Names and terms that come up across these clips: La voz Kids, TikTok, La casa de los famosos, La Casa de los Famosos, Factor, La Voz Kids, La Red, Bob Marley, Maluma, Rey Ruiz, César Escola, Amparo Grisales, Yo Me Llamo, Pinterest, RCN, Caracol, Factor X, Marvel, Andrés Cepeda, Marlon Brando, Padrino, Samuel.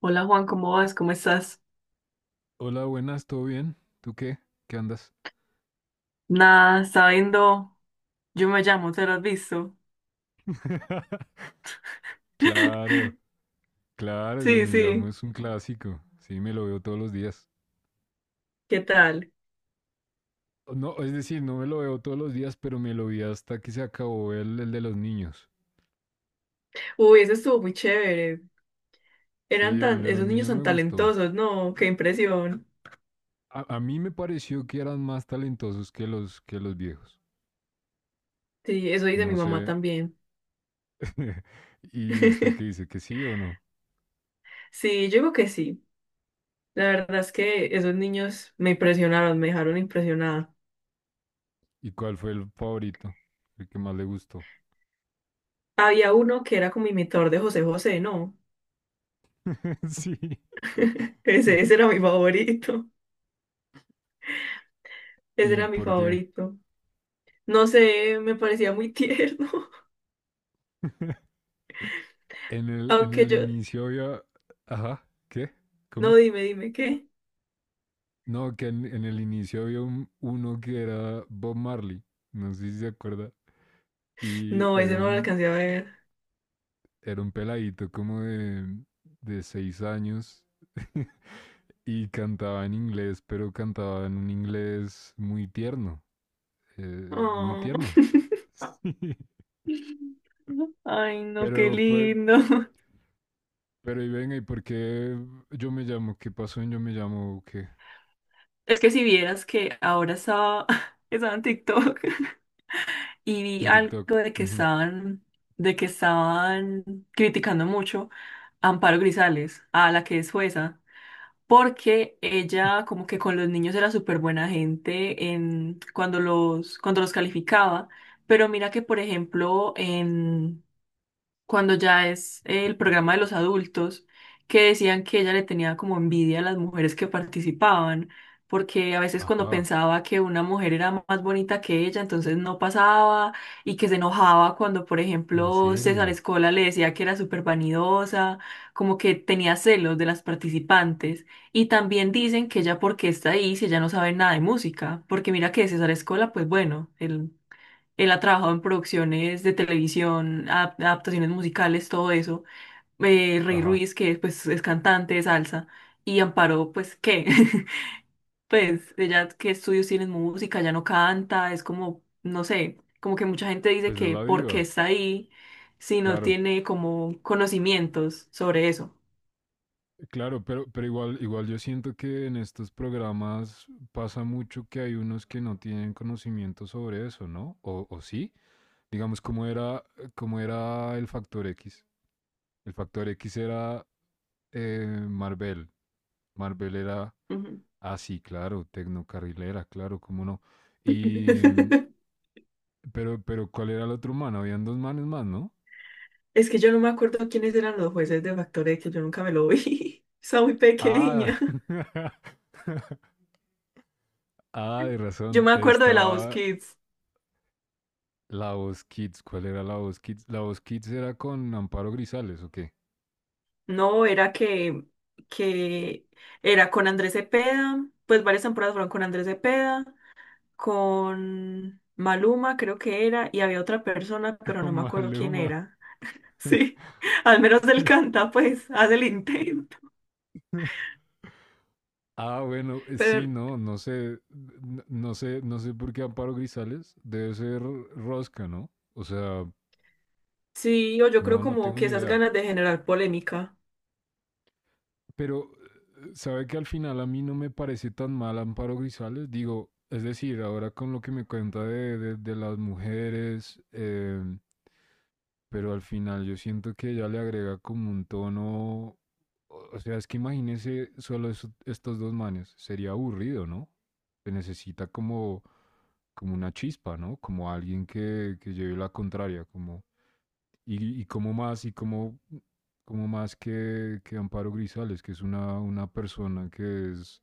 Hola Juan, ¿cómo vas? ¿Cómo estás? Hola, buenas, ¿todo bien? ¿Tú qué? ¿Qué andas? Nada, está viendo. Yo me llamo, ¿te lo has visto? Claro, claro, yo Sí, me llamo, sí. es un clásico. Sí, me lo veo todos los días. ¿Qué tal? No, es decir, no me lo veo todos los días, pero me lo vi hasta que se acabó el de los niños. Uy, eso estuvo muy chévere. Sí, el de los Esos niños niños son me gustó. talentosos, ¿no? Qué impresión. A mí me pareció que eran más talentosos que que los viejos. Sí, eso dice mi No mamá sé. también. ¿Y usted qué dice? ¿Que sí o no? Sí, yo digo que sí. La verdad es que esos niños me impresionaron, me dejaron impresionada. ¿Y cuál fue el favorito? El que más le gustó. Había uno que era como imitador de José José, ¿no? Sí. Ese era mi favorito. Ese ¿Y era mi por qué? favorito. No sé, me parecía muy tierno. En el, en Aunque el yo, inicio había. Ajá, ¿qué? no, ¿Cómo? dime, dime, ¿qué? No, que en el inicio había uno que era Bob Marley. No sé si se acuerda. Y No, ese era no lo un, alcancé a ver. era un peladito como de 6 años. Y cantaba en inglés, pero cantaba en un inglés muy tierno. Muy Oh. tierno. Ay, no, qué pero, pero, lindo. pero, y venga, ¿y por qué yo me llamo? ¿Qué pasó en yo me llamo? ¿Qué? Es que si vieras que ahora estaba, estaba en TikTok y vi En algo TikTok. Uh -huh. De que estaban criticando mucho a Amparo Grisales, a la que es jueza, porque ella como que con los niños era súper buena gente en, cuando los calificaba, pero mira que por ejemplo cuando ya es el programa de los adultos, que decían que ella le tenía como envidia a las mujeres que participaban, porque a veces cuando Ajá. pensaba que una mujer era más bonita que ella, entonces no pasaba y que se enojaba cuando, por ¿En ejemplo, César serio? Escola le decía que era súper vanidosa, como que tenía celos de las participantes. Y también dicen que ella porque está ahí si ella no sabe nada de música, porque mira que César Escola, pues bueno, él ha trabajado en producciones de televisión, adaptaciones musicales, todo eso. Rey Ajá, Ruiz, que pues es cantante de salsa. Y Amparo, pues, ¿qué? Pues ella, ¿qué estudios tiene en música? Ya no canta, es como, no sé, como que mucha gente dice pues de que la ¿por qué diva, está ahí si no claro. tiene como conocimientos sobre eso? Claro, pero igual yo siento que en estos programas pasa mucho que hay unos que no tienen conocimiento sobre eso, ¿no? O sí, digamos, ¿cómo era el Factor X? El Factor X era Marvel. Marvel era, Ujú. ah, sí, claro, tecnocarrilera, claro, cómo no. Y, pero, ¿cuál era el otro man? Habían dos manes más, ¿no? Es que yo no me acuerdo quiénes eran los jueces de Factor que yo nunca me lo vi. Estaba muy pequeña. Ah, ah, de Yo razón. me acuerdo de la voz Estaba Kids. la voz Kids. ¿Cuál era la voz Kids? La voz Kids era con Amparo Grisales, ¿o qué? No, era que era con Andrés Cepeda, pues varias temporadas fueron con Andrés Cepeda, con Maluma creo que era, y había otra persona, pero no Con me acuerdo quién Maluma. era. Sí, al menos él canta, pues, hace el intento. Ah, bueno, sí, Pero no, no sé, n- no sé, no sé por qué Amparo Grisales debe ser Rosca, ¿no? O sea, sí, o yo creo no, no como tengo que ni esas idea. ganas de generar polémica. Pero, ¿sabe que al final a mí no me parece tan mal Amparo Grisales? Digo, es decir, ahora con lo que me cuenta de las mujeres, pero al final yo siento que ella le agrega como un tono, o sea, es que imagínese solo estos dos manes, sería aburrido, ¿no? Se necesita como una chispa, ¿no? Como alguien que lleve la contraria, como, y como más, y como, como más que Amparo Grisales, que es una persona que es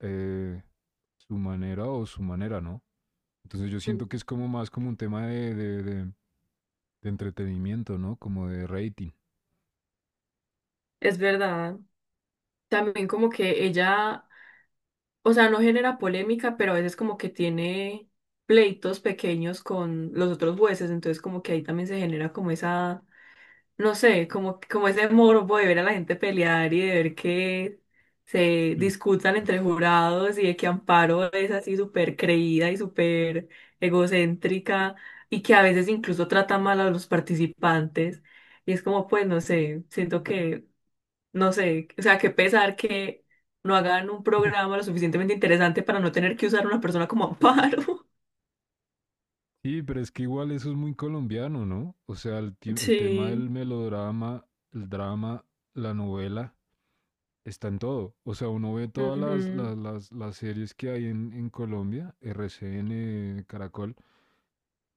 eh, su manera o su manera, ¿no? Entonces yo Ujú. siento que es como más como un tema de entretenimiento, ¿no? Como de rating. Es verdad. También como que ella o sea, no genera polémica, pero a veces como que tiene pleitos pequeños con los otros jueces, entonces como que ahí también se genera como esa, no sé, como ese morbo de ver a la gente pelear y de ver que se Sí. discutan entre jurados y de que Amparo es así súper creída y súper egocéntrica y que a veces incluso trata mal a los participantes. Y es como, pues, no sé, siento que no sé, o sea, qué pesar que no hagan un programa lo suficientemente interesante para no tener que usar a una persona como amparo. Sí, pero es que igual eso es muy colombiano, ¿no? O sea, el tema Sí, del melodrama, el drama, la novela, está en todo. O sea, uno ve todas las, ujú, las, las, las series que hay en Colombia, RCN, Caracol,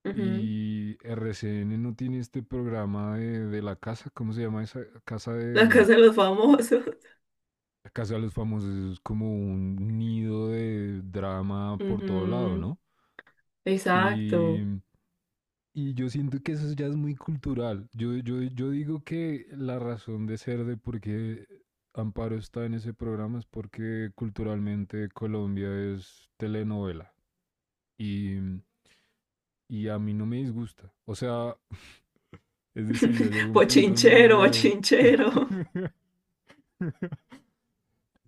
ujú. y RCN no tiene este programa de la casa, ¿cómo se llama esa casa La de... casa de los famosos. La casa de los famosos? Es como un nido de drama por todo lado, Ujú, ¿no? Y exacto. Y yo siento que eso ya es muy cultural. Yo digo que la razón de ser de por qué Amparo está en ese programa es porque culturalmente Colombia es telenovela y, y a mí no me disgusta. O sea, es decir, Bochinchero, bochinchero.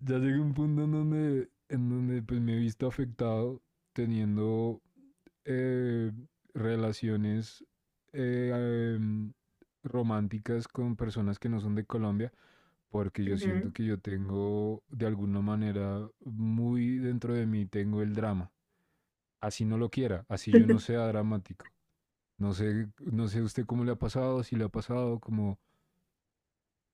ya llegué un punto en donde pues me he visto afectado teniendo eh, relaciones eh, em, románticas con personas que no son de Colombia, porque yo siento Ujú. que yo tengo, de alguna manera, muy dentro de mí, tengo el drama. Así no lo quiera, así yo no sea dramático. No sé usted cómo le ha pasado, si le ha pasado, como,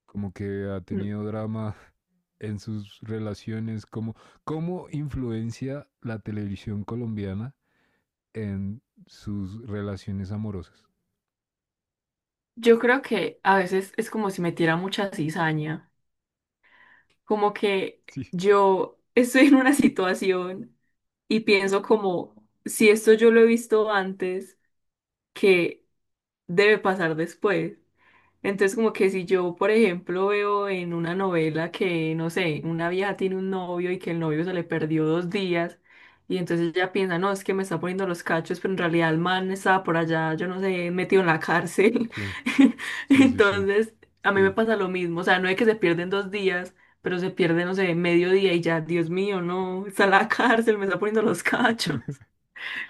como que ha N- tenido drama en sus relaciones, cómo influencia la televisión colombiana en sus relaciones amorosas. Yo creo que a veces es como si metiera mucha cizaña, como que Sí, yo estoy en una situación y pienso como, si esto yo lo he visto antes, que debe pasar después. Entonces, como que si yo, por ejemplo, veo en una novela que, no sé, una vieja tiene un novio y que el novio se le perdió 2 días, y entonces ella piensa, no, es que me está poniendo los cachos, pero en realidad el man estaba por allá, yo no sé, metido en la cárcel. sí, sí, sí, sí. Entonces, a mí me Sí. pasa lo mismo, o sea, no es que se pierden 2 días, pero se pierde, no sé, medio día y ya, Dios mío, no, está en la cárcel, me está poniendo los cachos.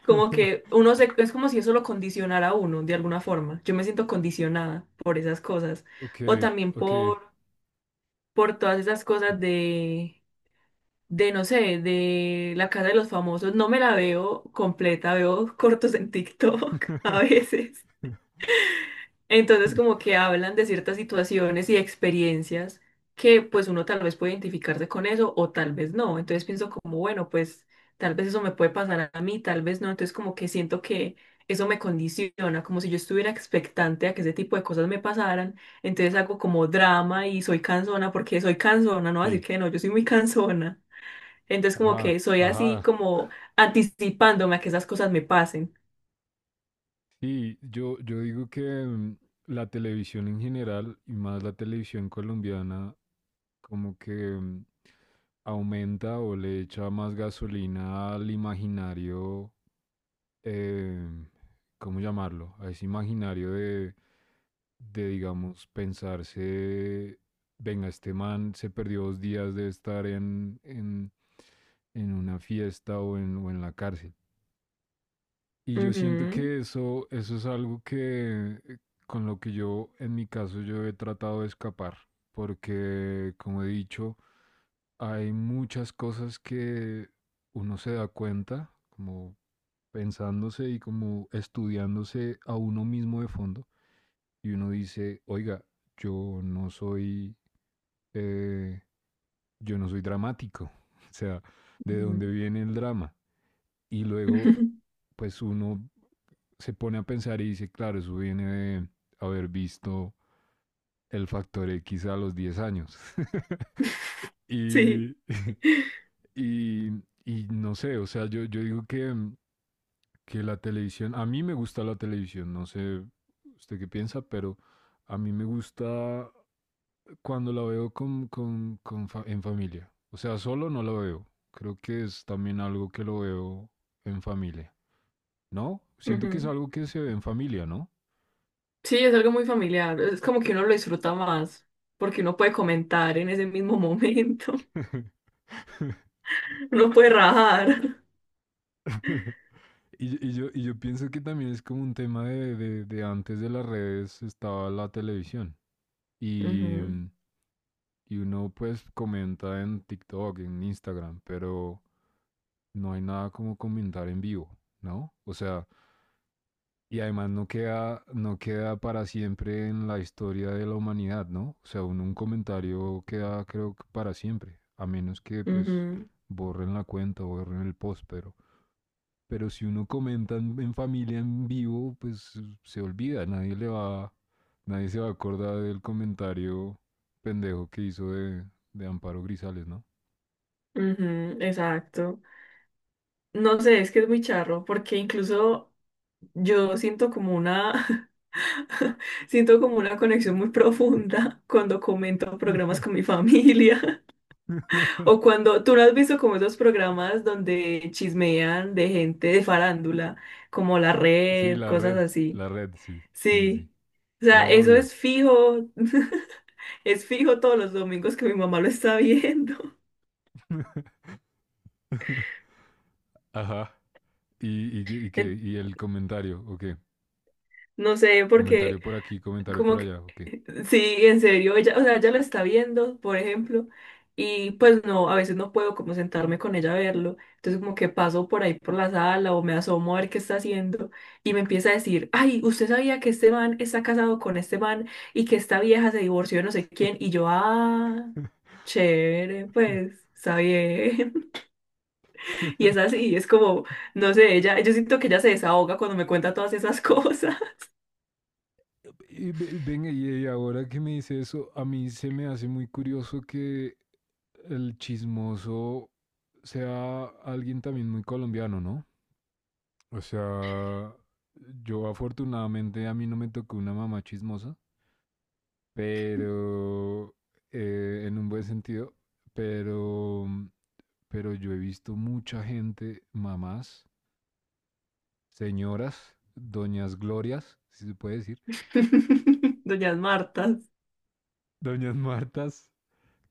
Como que uno se, es como si eso lo condicionara a uno de alguna forma. Yo me siento condicionada por esas cosas. Ok, O también ok. por todas esas cosas de, no sé, de la casa de los famosos. No me la veo completa, veo cortos en TikTok a veces. Entonces como que hablan de ciertas situaciones y experiencias que pues uno tal vez puede identificarse con eso o tal vez no. Entonces pienso como, bueno, pues tal vez eso me puede pasar a mí, tal vez no. Entonces como que siento que eso me condiciona, como si yo estuviera expectante a que ese tipo de cosas me pasaran. Entonces hago como drama y soy cansona porque soy cansona, no voy a decir Sí, que no, yo soy muy cansona. Entonces como ajá, que soy así ajá. como anticipándome a que esas cosas me pasen. Sí, yo digo que, la televisión en general y más la televisión colombiana, como que aumenta o le echa más gasolina al imaginario. eh, ¿Cómo llamarlo? A ese imaginario de, digamos, pensarse, venga, este man se perdió 2 días de estar en una fiesta o en la cárcel. Y yo siento Ujú, que eso es algo que, con lo que yo, en mi caso, yo he tratado de escapar, porque como he dicho, hay muchas cosas que uno se da cuenta, como pensándose y como estudiándose a uno mismo de fondo, y uno dice, oiga, yo no soy, eh, yo no soy dramático, o sea, ¿de dónde ujú. viene el drama? Y luego, pues uno se pone a pensar y dice, claro, eso viene de haber visto el factor X a los 10 años. Sí. y, y, y, no sé, o sea, yo digo que, la televisión, a mí me gusta la televisión, no sé usted qué piensa, pero a mí me gusta cuando la veo con fa en familia. O sea, solo no la veo. Creo que es también algo que lo veo en familia. ¿No? Siento que es Ujú. algo que se ve en familia, ¿no? Sí, es algo muy familiar. Es como que uno lo disfruta más, porque uno puede comentar en ese mismo momento. Uno puede rajar. Y yo pienso que también es como un tema de antes de las redes estaba la televisión, y, Ujú, y uno pues comenta en TikTok, en Instagram, pero no hay nada como comentar en vivo, ¿no? O sea, y además no queda para siempre en la historia de la humanidad, ¿no? O sea, un comentario queda, creo, que para siempre, a menos que pues ujú, borren la cuenta o borren el post, pero... Pero si uno comenta en familia, en vivo, pues se olvida, nadie se va a acordar del comentario pendejo que hizo de Amparo Grisales, ¿no? ujú, exacto. No sé, es que es muy charro, porque incluso yo siento como una, siento como una conexión muy profunda cuando comento programas con mi familia. O cuando tú no has visto como esos programas donde chismean de gente de farándula, como La Sí, Red, cosas así. la red, sí, sí, sí. Sí. O sea, Lo eso odio. es fijo, es fijo todos los domingos que mi mamá lo está viendo. Ajá. ¿Y qué? En- ¿Y el comentario? ¿O qué? No sé, porque Comentario por aquí, comentario como por que, allá, ¿o qué? sí, en serio, ella, o sea, ella lo está viendo, por ejemplo, y pues no, a veces no puedo como sentarme con ella a verlo. Entonces como que paso por ahí por la sala o me asomo a ver qué está haciendo y me empieza a decir, ay, usted sabía que este man está casado con este man y que esta vieja se divorció de no sé quién, y yo, ah, chévere, pues, está bien. Y es así, es como, no sé, ella, yo siento que ella se desahoga cuando me cuenta todas esas cosas. Venga, y ahora que me dice eso, a mí se me hace muy curioso que el chismoso sea alguien también muy colombiano, ¿no? O sea, yo, afortunadamente, a mí no me tocó una mamá chismosa, pero en un buen sentido, pero, yo he visto mucha gente, mamás, señoras, doñas Glorias, si se puede decir, Doñas Martas. doñas Martas,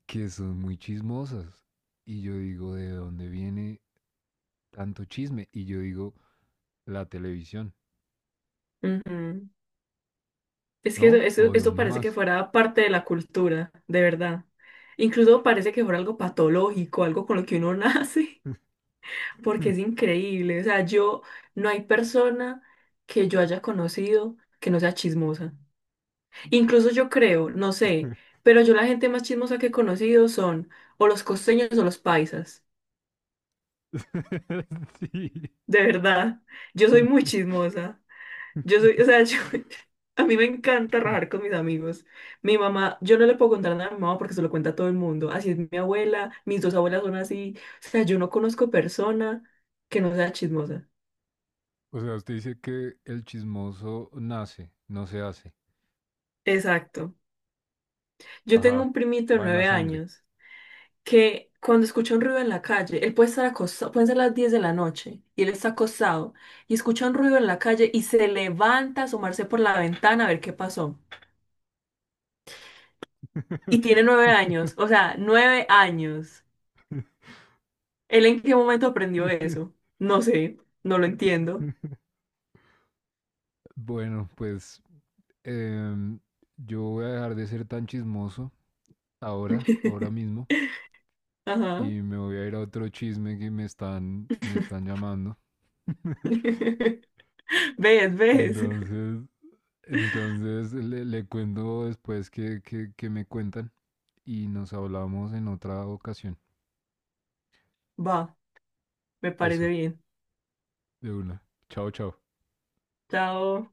que son muy chismosas. Y yo digo, ¿de dónde viene tanto chisme? Y yo digo, la televisión, Ujú. Es que eso, ¿no? eso, ¿O de eso dónde parece que más? fuera parte de la cultura, de verdad. Incluso parece que fuera algo patológico, algo con lo que uno nace, porque es increíble. O sea, yo, no hay persona que yo haya conocido que no sea chismosa. Incluso yo creo, no sé, pero yo la gente más chismosa que he conocido son o los costeños o los paisas. Sí. De verdad. Yo soy muy chismosa. Yo soy, o sea, a mí me encanta rajar con mis amigos. Mi mamá, yo no le puedo contar nada a mi mamá porque se lo cuenta a todo el mundo. Así es mi abuela, mis dos abuelas son así. O sea, yo no conozco persona que no sea chismosa. O sea, usted dice que el chismoso nace, no se hace. Exacto. Yo Ajá, tengo un primito de va en nueve la sangre. años que cuando escucha un ruido en la calle, él puede estar acostado, pueden ser las 10 de la noche y él está acostado y escucha un ruido en la calle y se levanta a asomarse por la ventana a ver qué pasó. Y tiene 9 años, o sea, 9 años. ¿Él en qué momento aprendió eso? No sé, no lo entiendo. Bueno, pues eh, yo voy a dejar de ser tan chismoso ahora, ahora mismo. Ajá. Y me voy a ir a otro chisme, que me están llamando. ¿Ves? ¿Ves? Entonces, entonces le cuento después que me cuentan, y nos hablamos en otra ocasión. Va, me parece Eso, bien. de una. Chao, chao. Chao.